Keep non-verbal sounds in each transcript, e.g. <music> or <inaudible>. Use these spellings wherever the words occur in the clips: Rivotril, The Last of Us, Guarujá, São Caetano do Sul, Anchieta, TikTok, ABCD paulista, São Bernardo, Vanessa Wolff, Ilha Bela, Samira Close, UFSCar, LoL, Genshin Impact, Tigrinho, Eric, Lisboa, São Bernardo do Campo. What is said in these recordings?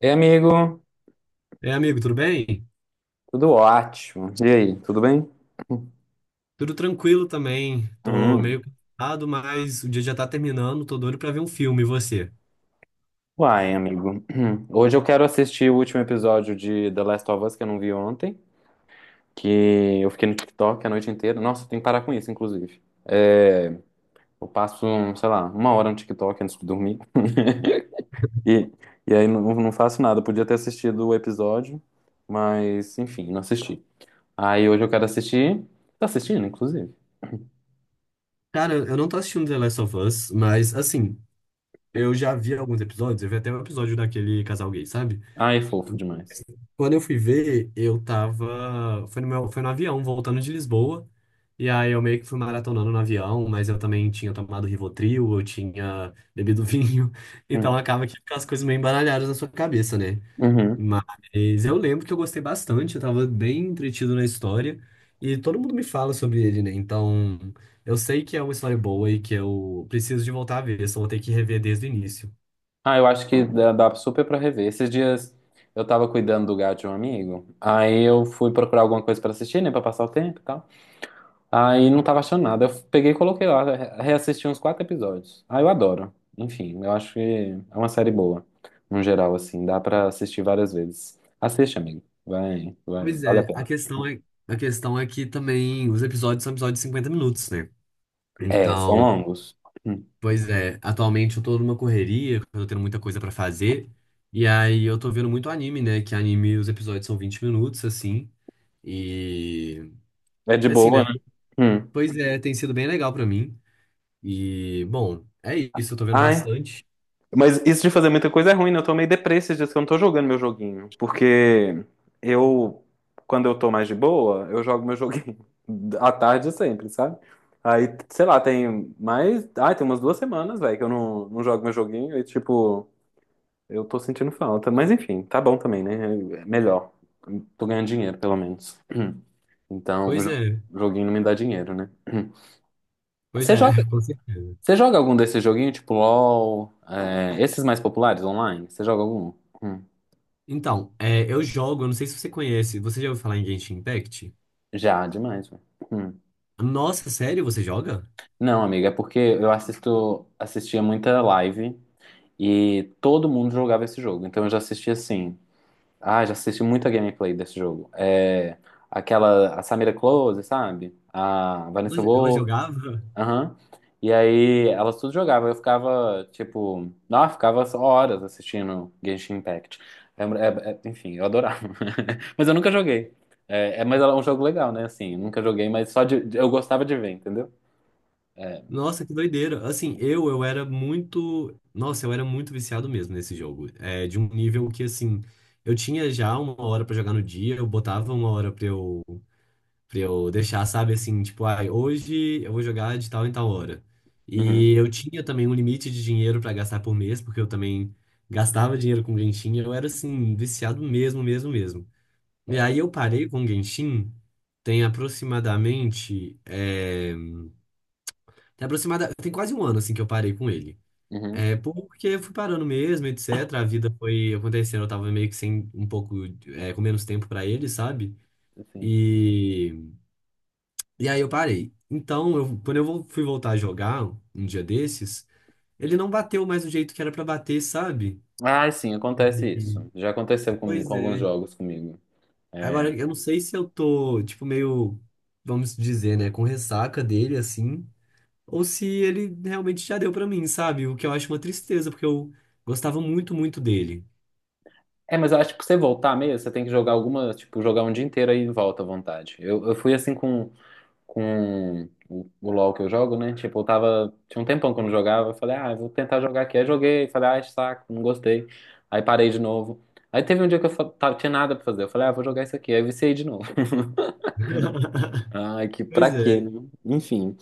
Ei, amigo, É, amigo, tudo bem? tudo ótimo. E aí, tudo bem? Tudo tranquilo também. Tô Hum. meio cansado, mas o dia já tá terminando. Tô doido pra ver um filme. E você? Uai, amigo. <clears throat> Hoje eu quero assistir o último episódio de The Last of Us que eu não vi ontem, que eu fiquei no TikTok a noite inteira. Nossa, eu tenho que parar com isso, inclusive. Eu passo, sei lá, uma hora no TikTok antes de dormir. <laughs> E, e aí não faço nada. Eu podia ter assistido o episódio, mas enfim, não assisti. Aí hoje eu quero assistir. Tá assistindo, inclusive. Cara, eu não tô assistindo The Last of Us, mas assim, eu já vi alguns episódios. Eu vi até um episódio daquele casal gay, sabe? Ai, fofo demais. Quando eu fui ver, eu tava. Foi no avião, voltando de Lisboa. E aí eu meio que fui maratonando no avião, mas eu também tinha tomado Rivotril, eu tinha bebido vinho. <laughs> Então Hum. acaba que fica as coisas meio embaralhadas na sua cabeça, né? Uhum. Mas eu lembro que eu gostei bastante, eu tava bem entretido na história e todo mundo me fala sobre ele, né? Então eu sei que é uma história boa e que eu preciso de voltar a ver, só vou ter que rever desde o início. Ah, eu acho que dá super pra rever. Esses dias eu tava cuidando do gato de um amigo, aí eu fui procurar alguma coisa pra assistir, né, pra passar o tempo e tal. Aí não tava achando nada. Eu peguei e coloquei lá, reassisti uns quatro episódios. Ah, eu adoro. Enfim, eu acho que é uma série boa, no geral, assim, dá pra assistir várias vezes. Assiste, amigo. Vai, Pois vale a é, a pena. questão é, a questão é que também os episódios são episódios de 50 minutos, né? É, são Então, longos. Hum. pois é, atualmente eu tô numa correria, eu tô tendo muita coisa pra fazer e aí eu tô vendo muito anime, né? Que anime os episódios são 20 minutos, assim, e É de assim, boa, né? né? Hum. Pois é, tem sido bem legal pra mim. E, bom, é isso, eu tô vendo Ai, bastante. mas isso de fazer muita coisa é ruim, né? Eu tô meio deprê esses dias que eu não tô jogando meu joguinho. Porque eu, quando eu tô mais de boa, eu jogo meu joguinho <laughs> à tarde sempre, sabe? Aí, sei lá, tem mais. Ah, tem umas duas semanas, velho, que eu não jogo meu joguinho e, tipo, eu tô sentindo falta. Mas enfim, tá bom também, né? É melhor. Tô ganhando dinheiro, pelo menos. <clears throat> Então, Pois é, joguinho não me dá dinheiro, né? <clears throat> pois Você é, joga. <laughs> com certeza. Você joga algum desses joguinhos, tipo LOL, é, esses mais populares online? Você joga algum? Hum. Então, eu jogo, eu não sei se você conhece, você já ouviu falar em Genshin Impact? Já, demais, velho. Hum. Nossa, sério, você joga? Não, amiga, é porque eu assistia muita live e todo mundo jogava esse jogo. Então eu já assisti assim. Ah, já assisti muita gameplay desse jogo. É, aquela, a Samira Close, sabe? A Vanessa Ela Wolff. jogava? Aham. E aí elas tudo jogavam. Eu ficava, tipo, nossa, ficava horas assistindo Genshin Impact. Enfim, eu adorava. <laughs> Mas eu nunca joguei. Mas é um jogo legal, né? Assim, eu nunca joguei, mas só eu gostava de ver, entendeu? É, Nossa, que doideira. Assim, eu era muito. Nossa, eu era muito viciado mesmo nesse jogo. É, de um nível que, assim, eu tinha já uma hora pra jogar no dia, eu botava uma hora pra eu. Pra eu deixar, sabe, assim, tipo, ai, hoje eu vou jogar de tal em tal hora. E uhum, eu tinha também um limite de dinheiro pra gastar por mês, porque eu também gastava dinheiro com Genshin, eu era, assim, viciado mesmo, mesmo, mesmo. E é, aí eu parei com Genshin, tem aproximadamente, é, tem quase um ano, assim, que eu parei com ele. uhum, É, porque eu fui parando mesmo, etc, a vida foi acontecendo, eu tava meio que sem, um pouco, com menos tempo pra ele, sabe? assim. E... E aí eu parei. Então, quando eu fui voltar a jogar um dia desses, ele não bateu mais do jeito que era pra bater, sabe? Ah, sim, acontece E- isso. Já aconteceu comigo, com Pois alguns é. jogos comigo. É, Agora, eu não sei se eu tô, tipo, meio, vamos dizer, né, com ressaca dele, assim, ou se ele realmente já deu pra mim, sabe? O que eu acho uma tristeza, porque eu gostava muito, muito dele. Mas eu acho que pra você voltar mesmo, você tem que jogar alguma, tipo, jogar um dia inteiro aí e volta à vontade. Eu fui assim com com o LoL que eu jogo, né? Tipo, eu tava. Tinha um tempão que eu não jogava. Eu falei, ah, eu vou tentar jogar aqui. Aí joguei, falei, ah, saco, não gostei. Aí parei de novo. Aí teve um dia que eu tava, tinha nada pra fazer. Eu falei, ah, vou jogar isso aqui. Aí viciei de novo. <laughs> <laughs> Ai, que pra Pois quê, né? é. Enfim.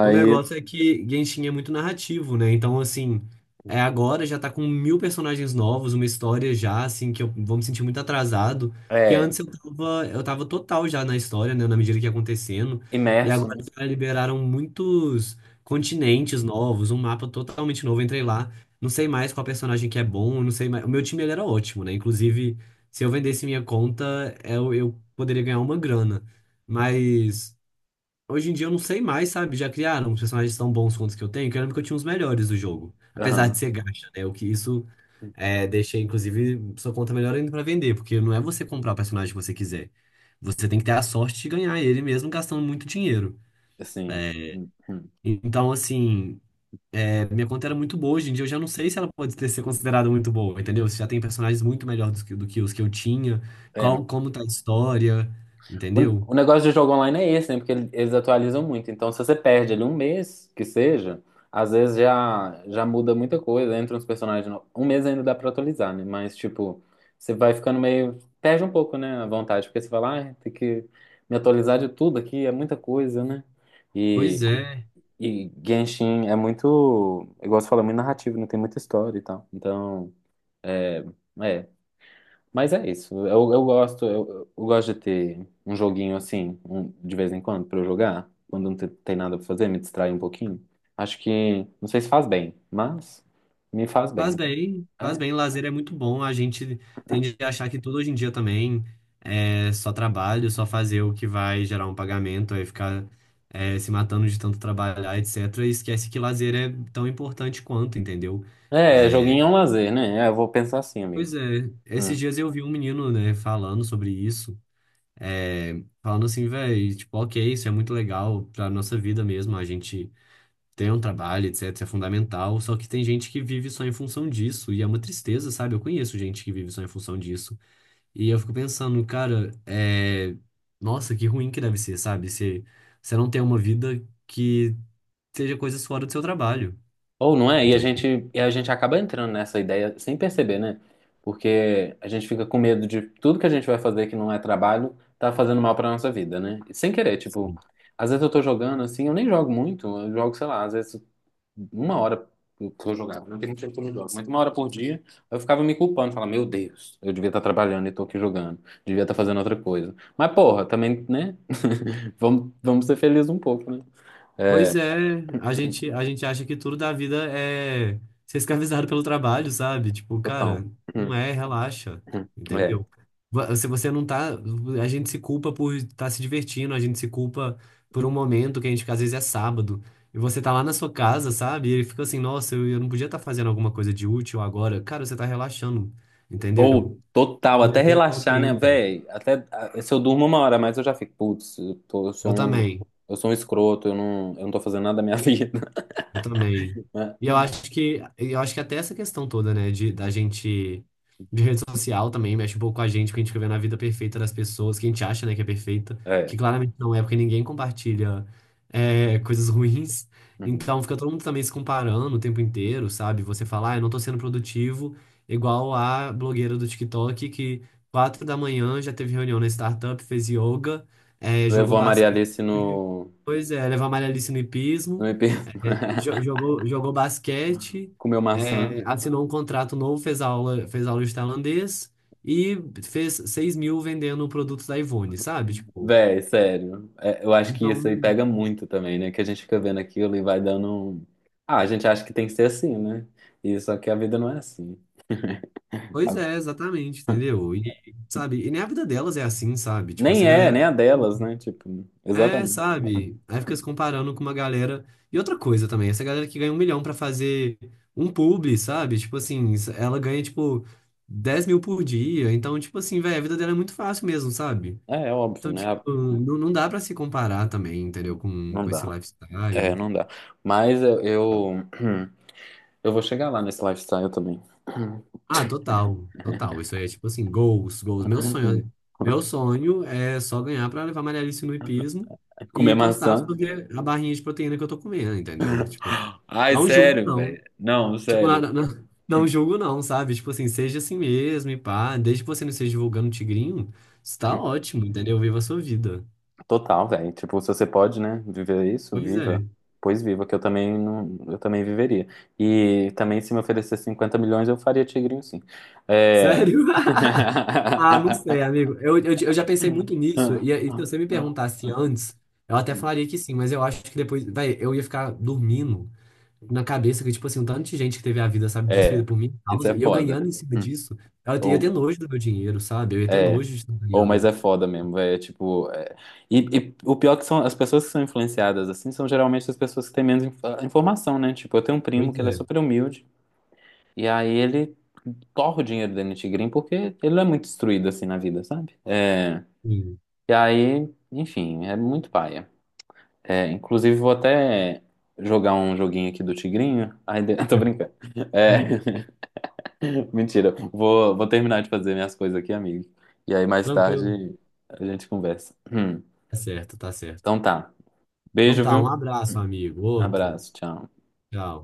O negócio é que Genshin é muito narrativo, né? Então, assim, agora já tá com mil personagens novos, uma história já, assim, que eu vou me sentir muito atrasado. Porque é, antes eu tava total já na história, né? Na medida que ia acontecendo. E imerso, agora né? já liberaram muitos continentes novos, um mapa totalmente novo. Eu entrei lá, não sei mais qual personagem que é bom, eu não sei mais. O meu time ele era ótimo, né? Inclusive, se eu vendesse minha conta, eu poderia ganhar uma grana. Mas. Hoje em dia eu não sei mais, sabe? Já criaram os personagens tão bons quanto os que eu tenho, que eu lembro que eu tinha os melhores do jogo. Apesar de Aham. ser gacha, né? O que isso é, deixa, inclusive, sua conta melhor ainda pra vender, porque não é você comprar o personagem que você quiser. Você tem que ter a sorte de ganhar ele mesmo gastando muito dinheiro. Assim. Hum, hum. Então, assim, minha conta era muito boa. Hoje em dia eu já não sei se ela pode ter, ser considerada muito boa, entendeu? Você já tem personagens muito melhores do que os que eu tinha, É. qual, como tá a história, O, entendeu? o negócio de jogo online é esse, né? Porque eles atualizam muito. Então, se você perde ali um mês, que seja, às vezes já muda muita coisa. Entra uns personagens. Um mês ainda dá pra atualizar, né? Mas, tipo, você vai ficando meio. Perde um pouco, né? A vontade. Porque você fala, ah, tem que me atualizar de tudo aqui, é muita coisa, né? Pois E, é. e Genshin é muito. Igual você falou, é muito narrativo, não tem muita história e tal. Então, é. É. Mas é isso. Eu gosto, eu gosto de ter um joguinho assim, de vez em quando, pra eu jogar. Quando tem nada pra fazer, me distrai um pouquinho. Acho que, não sei se faz bem, mas me faz bem. Faz Então, bem, faz é. bem. Lazer é muito bom. A gente tende a achar que tudo hoje em dia também é só trabalho, só fazer o que vai gerar um pagamento, aí ficar se matando de tanto trabalhar, etc. E esquece que lazer é tão importante quanto, entendeu? É, É, joguinho é um lazer, né? É, eu vou pensar assim, pois amigo. é, esses Hum. dias eu vi um menino, né, falando sobre isso, falando assim, velho, tipo, ok, isso é muito legal pra nossa vida mesmo, a gente ter um trabalho, etc, é fundamental, só que tem gente que vive só em função disso, e é uma tristeza, sabe? Eu conheço gente que vive só em função disso. E eu fico pensando, cara, Nossa, que ruim que deve ser, sabe? Se você não tem uma vida que seja coisas fora do seu trabalho, Ou não é? Entendeu? E a gente acaba entrando nessa ideia sem perceber, né? Porque a gente fica com medo de tudo que a gente vai fazer que não é trabalho tá fazendo mal pra nossa vida, né? E sem querer, tipo, às vezes eu tô jogando assim, eu nem jogo muito, eu jogo, sei lá, às vezes uma hora que eu jogava, não tem muito tempo que eu não jogo, mas uma hora por dia eu ficava me culpando, falava, meu Deus, eu devia estar trabalhando e tô aqui jogando, devia estar fazendo outra coisa. Mas porra, também, né? <laughs> Vamos ser felizes um pouco, né? Pois é, a gente acha que tudo da vida é ser escravizado pelo trabalho, sabe? Tipo, cara, Total. não Hum, é, relaxa, É. entendeu? Se você não tá, a gente se culpa por estar se divertindo, a gente se culpa por um momento que a gente, às vezes é sábado, e você tá lá na sua casa, sabe? E ele fica assim, nossa, eu não podia estar fazendo alguma coisa de útil agora. Cara, você tá relaxando, entendeu? Ou total, Tipo, até dê tempo ao relaxar, né, tempo. véi? Até ah, se eu durmo uma hora, mas eu já fico, putz, Eu também. eu sou um escroto, eu eu não tô fazendo nada da minha <laughs> vida, Eu também. né? E eu acho que até essa questão toda, né, de da gente de rede social também mexe um pouco com a gente, porque a gente fica vendo a vida perfeita das pessoas, que a gente acha, né, que é perfeita, É. que claramente não é, porque ninguém compartilha coisas ruins. Uhum. Então fica todo mundo também se comparando o tempo inteiro, sabe? Você fala, ah, eu não tô sendo produtivo, igual a blogueira do TikTok que 4 da manhã já teve reunião na startup, fez yoga, jogou Levou a Maria basquete, Alice pois é, leva a malha ali no no hipismo IP, jogou basquete, <laughs> comeu maçã. Assinou um contrato novo, fez aula, de tailandês e fez 6.000 vendendo produtos da Ivone, sabe? Tipo, Véi, sério. É, eu acho que isso aí então, pega muito também, né? Que a gente fica vendo aquilo e vai dando. Ah, a gente acha que tem que ser assim, né? E só que a vida não é assim. pois é, A- exatamente, <laughs> entendeu? E, sabe, e nem a vida delas é assim, sabe? Tipo, Nem essa é, galera. nem a delas, né? Tipo, É, exatamente. sabe? Aí fica se comparando com uma galera. E outra coisa também, essa galera que ganha 1 milhão pra fazer um publi, sabe? Tipo assim, ela ganha, tipo, 10.000 por dia. Então, tipo assim, velho, a vida dela é muito fácil mesmo, sabe? É, é óbvio, Então, né? tipo, não, não dá pra se comparar também, entendeu? Com, Não com esse dá. É, lifestyle. não dá. Mas eu, <clears throat> eu vou chegar lá nesse lifestyle também. Ah, total, total. Isso aí é tipo assim, goals, goals. Meu sonho, <laughs> meu sonho é só ganhar pra levar Maria Alice no hipismo Comer e postar maçã. sobre a barrinha de proteína que eu tô comendo, entendeu? Tipo, Ai, não julgo, sério, não. velho. Não, Tipo, sério. nada, não, <laughs> não julgo, não, sabe? Tipo assim, seja assim mesmo e pá. Desde que você não esteja divulgando tigrinho, está ótimo, entendeu? Viva a sua vida. Total, velho. Tipo, se você pode, né, viver isso, Pois viva. é. Pois viva, que eu também não, eu também viveria. E também se me oferecer 50 milhões, eu faria tigrinho sim. É. Sério? <laughs> Ah, não sei, <laughs> amigo. Eu já pensei muito nisso. E se você me perguntasse antes, eu até falaria que sim, mas eu acho que depois, vai, eu ia ficar dormindo na cabeça que, tipo assim, um tanto de gente que teve a vida, sabe, destruída É, por minha isso causa, é e eu foda. ganhando em cima disso, eu ia ter Ou nojo do meu dinheiro, sabe? Eu ia ter é. nojo de estar Ou, mas ganhando. é foda mesmo, velho. É tipo. E o pior que são as pessoas que são influenciadas assim são geralmente as pessoas que têm menos ah, informação, né? Tipo, eu tenho um primo Pois que ele é é, super humilde e aí ele torra o dinheiro dele no Tigrinho porque ele não é muito instruído assim na vida, sabe? É, sim. e aí, enfim, é muito paia. É, inclusive, vou até jogar um joguinho aqui do Tigrinho. Ai, <laughs> tô brincando. É, <laughs> mentira. Vou terminar de fazer minhas coisas aqui, amigo. E aí, mais Tranquilo. tarde, a gente conversa. <clears throat> Tá certo, tá certo. Então tá. Então Beijo, tá, um viu? abraço, amigo. Outro. Abraço, tchau. Tchau.